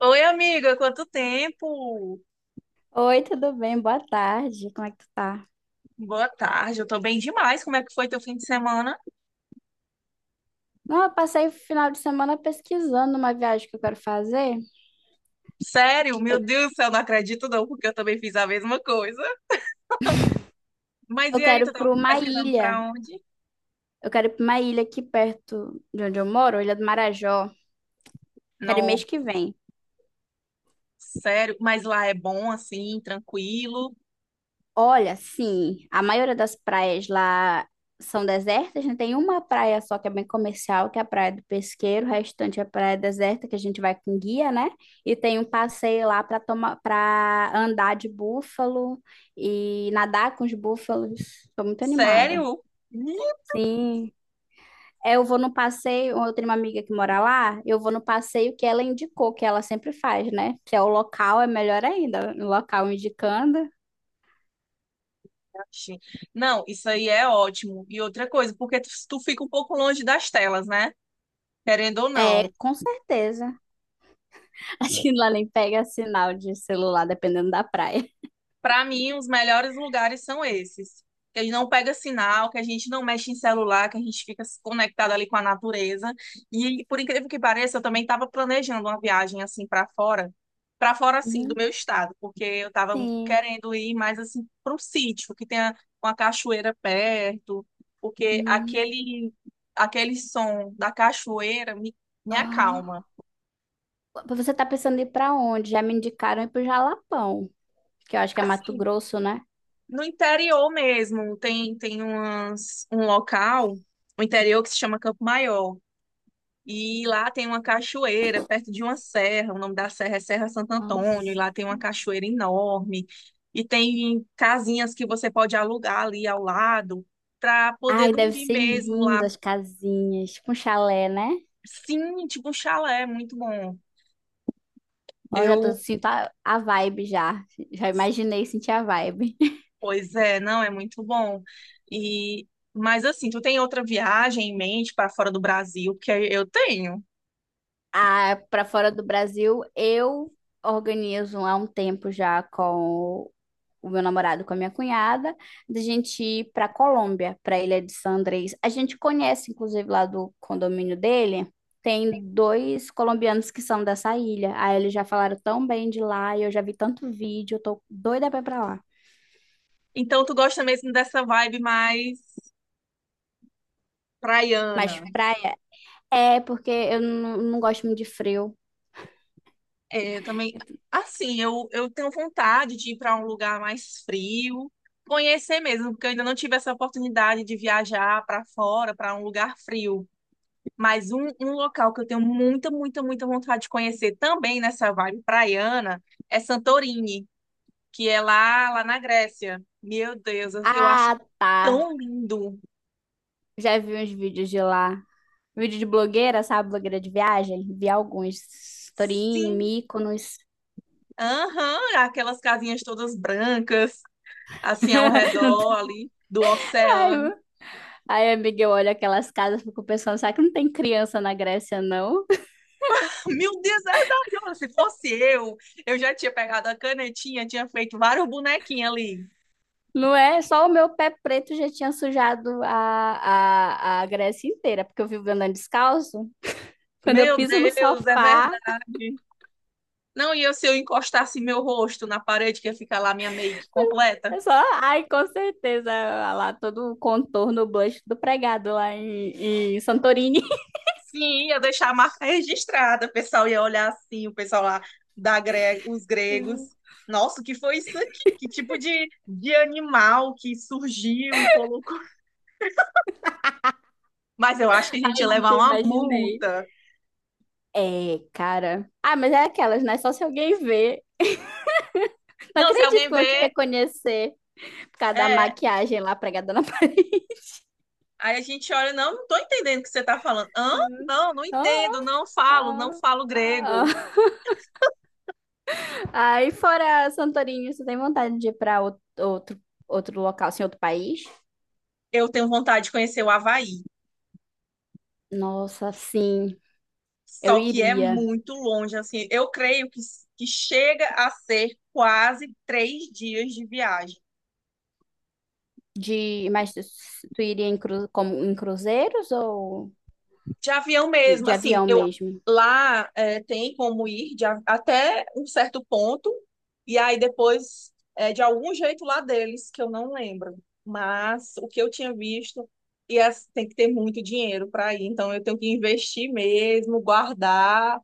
Oi, amiga, quanto tempo? Oi, tudo bem? Boa tarde. Como é que tu tá? Boa tarde, eu tô bem demais. Como é que foi teu fim de semana? Não, eu passei o final de semana pesquisando uma viagem que eu quero fazer. Sério, meu Eu, Deus do céu, não acredito não, porque eu também fiz a mesma coisa. Mas eu e aí, quero tu tava para uma pesquisando ilha. pra onde? Eu quero ir para uma ilha aqui perto de onde eu moro, Ilha do Marajó. Quero ir mês Não, que vem. sério, mas lá é bom assim, tranquilo? Olha, sim, a maioria das praias lá são desertas, né? Tem uma praia só que é bem comercial, que é a Praia do Pesqueiro, o restante é praia deserta, que a gente vai com guia, né? E tem um passeio lá para tomar, para andar de búfalo e nadar com os búfalos. Estou muito animada. Sério? Sim. Eu vou no passeio, eu tenho uma amiga que mora lá, eu vou no passeio que ela indicou, que ela sempre faz, né? Se é o local, é melhor ainda, o local indicando. Ixi. Não, isso aí é ótimo. E outra coisa, porque tu fica um pouco longe das telas, né? Querendo ou não. É, com certeza. Acho que lá nem pega sinal de celular, dependendo da praia. Para mim, os melhores lugares são esses. Que a gente não pega sinal, que a gente não mexe em celular, que a gente fica conectado ali com a natureza. E por incrível que pareça, eu também estava planejando uma viagem assim para fora assim do Uhum. meu estado, porque eu estava Sim. querendo ir mais assim para um sítio que tenha uma cachoeira perto, porque Hum. aquele som da cachoeira me acalma. Ah. Você tá pensando em ir pra onde? Já me indicaram ir pro Jalapão, que eu acho que é Mato Assim, Grosso, né? no interior mesmo, tem um local, o interior que se chama Campo Maior. E lá tem uma cachoeira, perto de uma serra. O nome da serra é Serra Santo Antônio. E Nossa. lá tem uma cachoeira enorme. E tem casinhas que você pode alugar ali ao lado para poder Ai, deve dormir ser mesmo lá. lindo as casinhas, com chalé, né? Sim, tipo um chalé, muito bom. Ó, já tô Eu sinto a vibe já. Já imaginei sentir a vibe. pois é, não, é muito bom. E mas assim, tu tem outra viagem em mente para fora do Brasil? Porque eu tenho. Ah, pra fora do Brasil, eu organizo há um tempo já com o meu namorado com a minha cunhada, da gente ir para Colômbia, para a Ilha de San Andrés. A gente conhece, inclusive, lá do condomínio dele, tem dois colombianos que são dessa ilha. Aí eles já falaram tão bem de lá, e eu já vi tanto vídeo, eu tô doida pra ir pra lá. Então tu gosta mesmo dessa vibe mais Mas praiana? praia é porque eu não gosto muito de frio. É, eu também. Assim, eu tenho vontade de ir para um lugar mais frio, conhecer mesmo, porque eu ainda não tive essa oportunidade de viajar para fora, para um lugar frio. Mas um local que eu tenho muita vontade de conhecer também nessa vibe praiana é Santorini, que é lá na Grécia. Meu Deus, eu acho Ah, tá. tão lindo. Já vi uns vídeos de lá. Vídeo de blogueira, sabe? Blogueira de viagem. Vi alguns. Torini, Sim, Mykonos. aham, aquelas casinhas todas brancas, assim ao Não, redor ali do ai, oceano. aí, amiga, eu olho aquelas casas, fico pensando, será que não tem criança na Grécia, não? Meu Deus, é verdade. Olha, se fosse eu já tinha pegado a canetinha, tinha feito vários bonequinhos ali. Não é? Só o meu pé preto já tinha sujado a Grécia inteira, porque eu vivo andando descalço. Quando eu Meu piso no Deus, é sofá, verdade. Não, e eu, se eu encostasse meu rosto na parede, que ia ficar lá minha make completa? é só, ai, com certeza, lá todo o contorno, o blush do pregado lá em Santorini. Sim, ia deixar a marca registrada. O pessoal ia olhar assim, o pessoal lá, da gre... os gregos. Nossa, o que foi isso aqui? Que tipo de animal que surgiu e colocou? Mas eu acho que a gente Ai, ia gente, levar eu uma imaginei. multa. É, cara. Ah, mas é aquelas, né? Só se alguém ver. Não Não, se acredito que alguém vão te vê. reconhecer por causa da É, maquiagem lá pregada na parede. aí a gente olha, não, não estou entendendo o que você está falando. Hã? Uhum. Não, não Ah, entendo, não ah, falo ah. grego. Aí fora Santorini, você tem vontade de ir para outro local, assim, outro país? Eu tenho vontade de conhecer o Havaí, Nossa, sim, eu só que é iria. muito longe, assim. Eu creio que chega a ser quase três dias de viagem. De, mas tu tu iria em, cru, como, em cruzeiros ou De avião mesmo, de assim, avião eu mesmo? lá é, tem como ir de a- até um certo ponto, e aí depois é de algum jeito lá deles, que eu não lembro. Mas o que eu tinha visto, e as- tem que ter muito dinheiro para ir, então eu tenho que investir mesmo, guardar.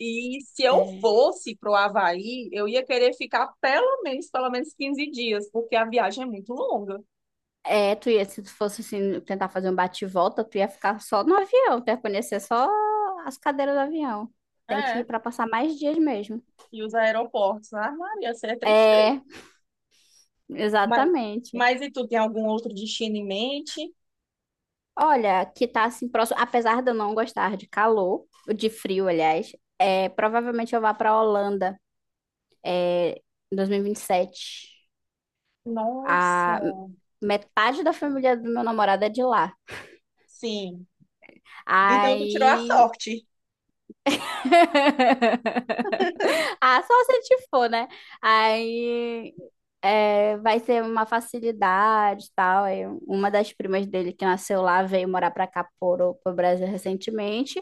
E se eu É, fosse para o Havaí, eu ia querer ficar pelo menos 15 dias, porque a viagem é muito longa. é, tu ia, se tu fosse assim, tentar fazer um bate-volta, tu ia ficar só no avião, tu ia conhecer só as cadeiras do avião. Tem que ir É, para passar mais dias mesmo. e os aeroportos, ah, Maria, isso é tristeza. É, Mas, exatamente. mas e tu tem algum outro destino em mente? Olha, que tá assim próximo, apesar de eu não gostar de calor, de frio, aliás, é, provavelmente eu vá para a Holanda é, em 2027. Nossa. A metade da família do meu namorado é de lá. Sim. Então tu tirou a Aí sorte. ah, só se te for, né? Aí é, vai ser uma facilidade e tal. Aí uma das primas dele que nasceu lá veio morar pra cá, pro Brasil recentemente.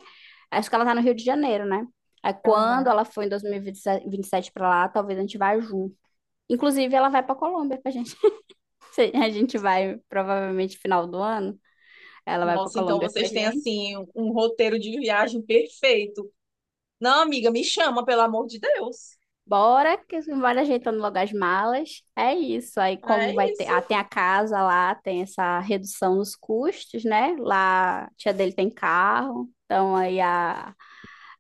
Acho que ela tá no Rio de Janeiro, né? Aí quando Aham. ela for em dois mil e vinte e sete pra lá, talvez a gente vá junto. Inclusive, ela vai pra Colômbia com a gente. Se a gente vai provavelmente final do ano. Ela vai pra Nossa, então Colômbia com a vocês têm gente. assim um roteiro de viagem perfeito. Não, amiga, me chama, pelo amor de Deus. Bora, que bora ajeitando logo as malas. É isso. Aí, Ah, é como vai ter. Ah, isso. tem a casa lá, tem essa redução nos custos, né? Lá, a tia dele tem carro. Então,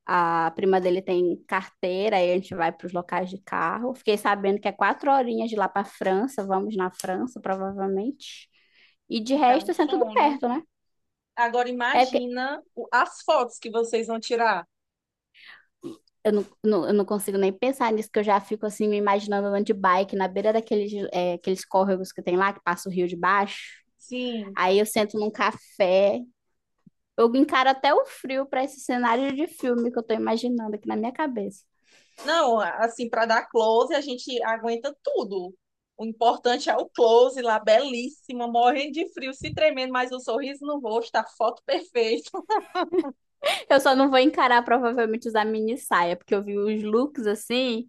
a prima dele tem carteira. Aí a gente vai para os locais de carro. Fiquei sabendo que é quatro horinhas de lá para França. Vamos na França, provavelmente. E de Isso é um resto, assim, é tudo sonho. perto, né? Agora É porque imagina o- as fotos que vocês vão tirar. Eu não consigo nem pensar nisso, que eu já fico assim, me imaginando andando de bike na beira daqueles, é, aqueles córregos que tem lá, que passa o rio de baixo. Sim, Aí eu sento num café. Eu encaro até o frio para esse cenário de filme que eu tô imaginando aqui na minha cabeça. não, assim, para dar close, a gente aguenta tudo. O importante é o close lá, belíssima, morrendo de frio, se tremendo, mas o sorriso no rosto, a foto perfeita. Eu só não vou encarar provavelmente usar mini saia, porque eu vi os looks assim,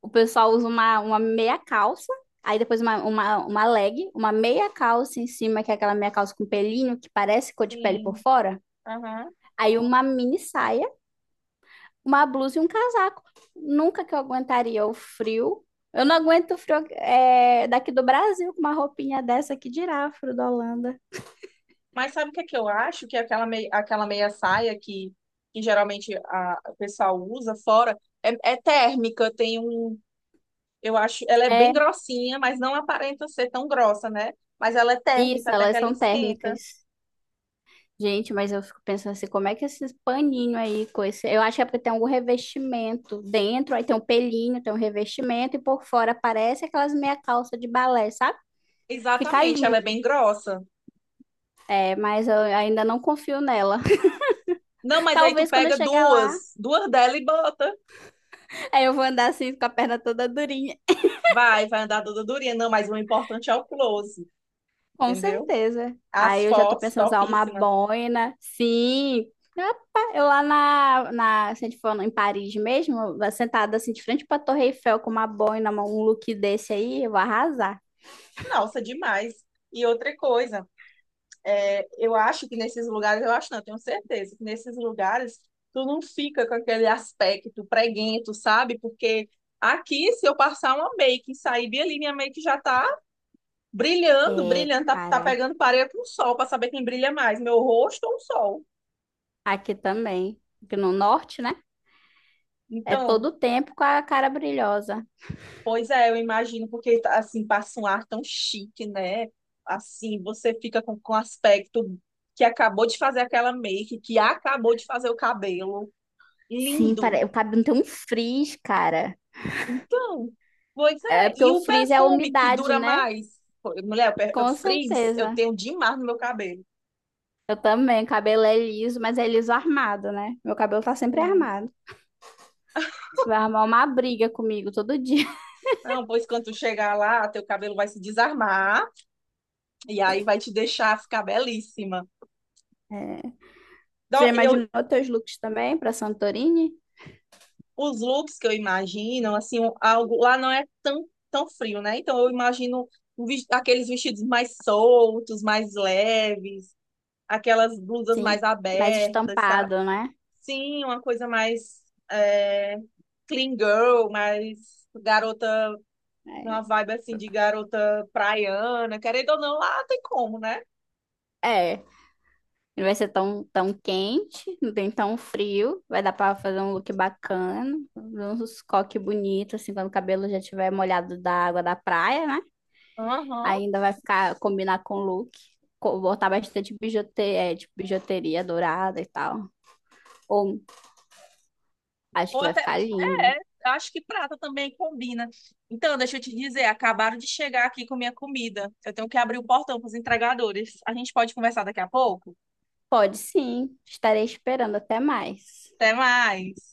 o pessoal usa uma meia calça, aí depois uma leg, uma meia calça em cima, que é aquela meia calça com pelinho que parece cor de pele por Sim, fora. aham. Aí uma mini saia uma blusa e um casaco. Nunca que eu aguentaria o frio. Eu não aguento o frio é, daqui do Brasil com uma roupinha dessa que dirá frio da Holanda. Mas sabe o que é que eu acho? Que é aquela, mei- aquela meia saia que geralmente o pessoal usa fora é, é térmica, tem um. Eu acho, ela é bem É, grossinha, mas não aparenta ser tão grossa, né? Mas ela é térmica, isso, até que elas ela são esquenta. térmicas. Gente, mas eu fico pensando assim, como é que esses paninho aí, com esse... eu acho que é porque tem algum revestimento dentro, aí tem um pelinho, tem um revestimento, e por fora parece aquelas meia calça de balé, sabe? Fica Exatamente, ela é lindo, bem grossa. é, mas eu ainda não confio nela. Não, mas aí tu Talvez quando eu pega chegar lá, duas dela e bota. aí eu vou andar assim com a perna toda durinha. Vai, vai andar toda durinha. Não, mas o importante é o close, Com entendeu? certeza. As Aí eu já tô fotos pensando em usar uma topíssimas. boina. Sim. Rapaz, eu lá se a gente for em Paris mesmo, eu vou sentada assim de frente pra Torre Eiffel com uma boina, um look desse aí, eu vou arrasar. Nossa, demais. E outra coisa, é, eu acho que nesses lugares, eu acho não, eu tenho certeza, que nesses lugares tu não fica com aquele aspecto preguento, sabe? Porque aqui, se eu passar uma make e sair bem ali, minha make já tá É, brilhando, tá cara, pegando parede com o sol, para saber quem brilha mais, meu rosto ou o sol. aqui também. Aqui no norte, né? É todo Então, o tempo com a cara brilhosa. pois é, eu imagino, porque assim, passa um ar tão chique, né? Assim, você fica com aspecto que acabou de fazer aquela make, que acabou de fazer o cabelo. Sim, Lindo. O cabelo tem um frizz, cara. Então, pois É é. porque E o o frizz é a perfume que umidade, dura né? mais? Pô, mulher, o per- o Com frizz, eu certeza. tenho demais no meu cabelo. Eu também, o cabelo é liso, mas é liso armado, né? Meu cabelo tá sempre Sim. armado. Vai arrumar uma briga comigo todo dia. Não, pois quando tu chegar lá, teu cabelo vai se desarmar e aí vai te deixar ficar belíssima. É. Já Dó- eu, imaginou teus looks também para Santorini? os looks que eu imagino, assim, um- algo lá não é tão frio, né? Então eu imagino um ves- aqueles vestidos mais soltos, mais leves, aquelas blusas Sim, mais mais abertas, sabe? estampado, né? Sim, uma coisa mais é, clean girl, mais garota, uma vibe assim de garota praiana, querendo ou não, lá tem como, né? É. É. Não vai ser tão quente, não tem tão frio. Vai dar para fazer um look bacana, uns coque bonito, assim, quando o cabelo já tiver molhado da água da praia, né? Aham. Ainda vai ficar combinar com o look. Botar bastante bijuteria, é, tipo, bijuteria dourada e tal. Ou acho Ou que vai até. ficar lindo. É, acho que prata também combina. Então, deixa eu te dizer, acabaram de chegar aqui com minha comida. Eu tenho que abrir o portão para os entregadores. A gente pode conversar daqui a pouco? Pode sim, estarei esperando até mais. Até mais.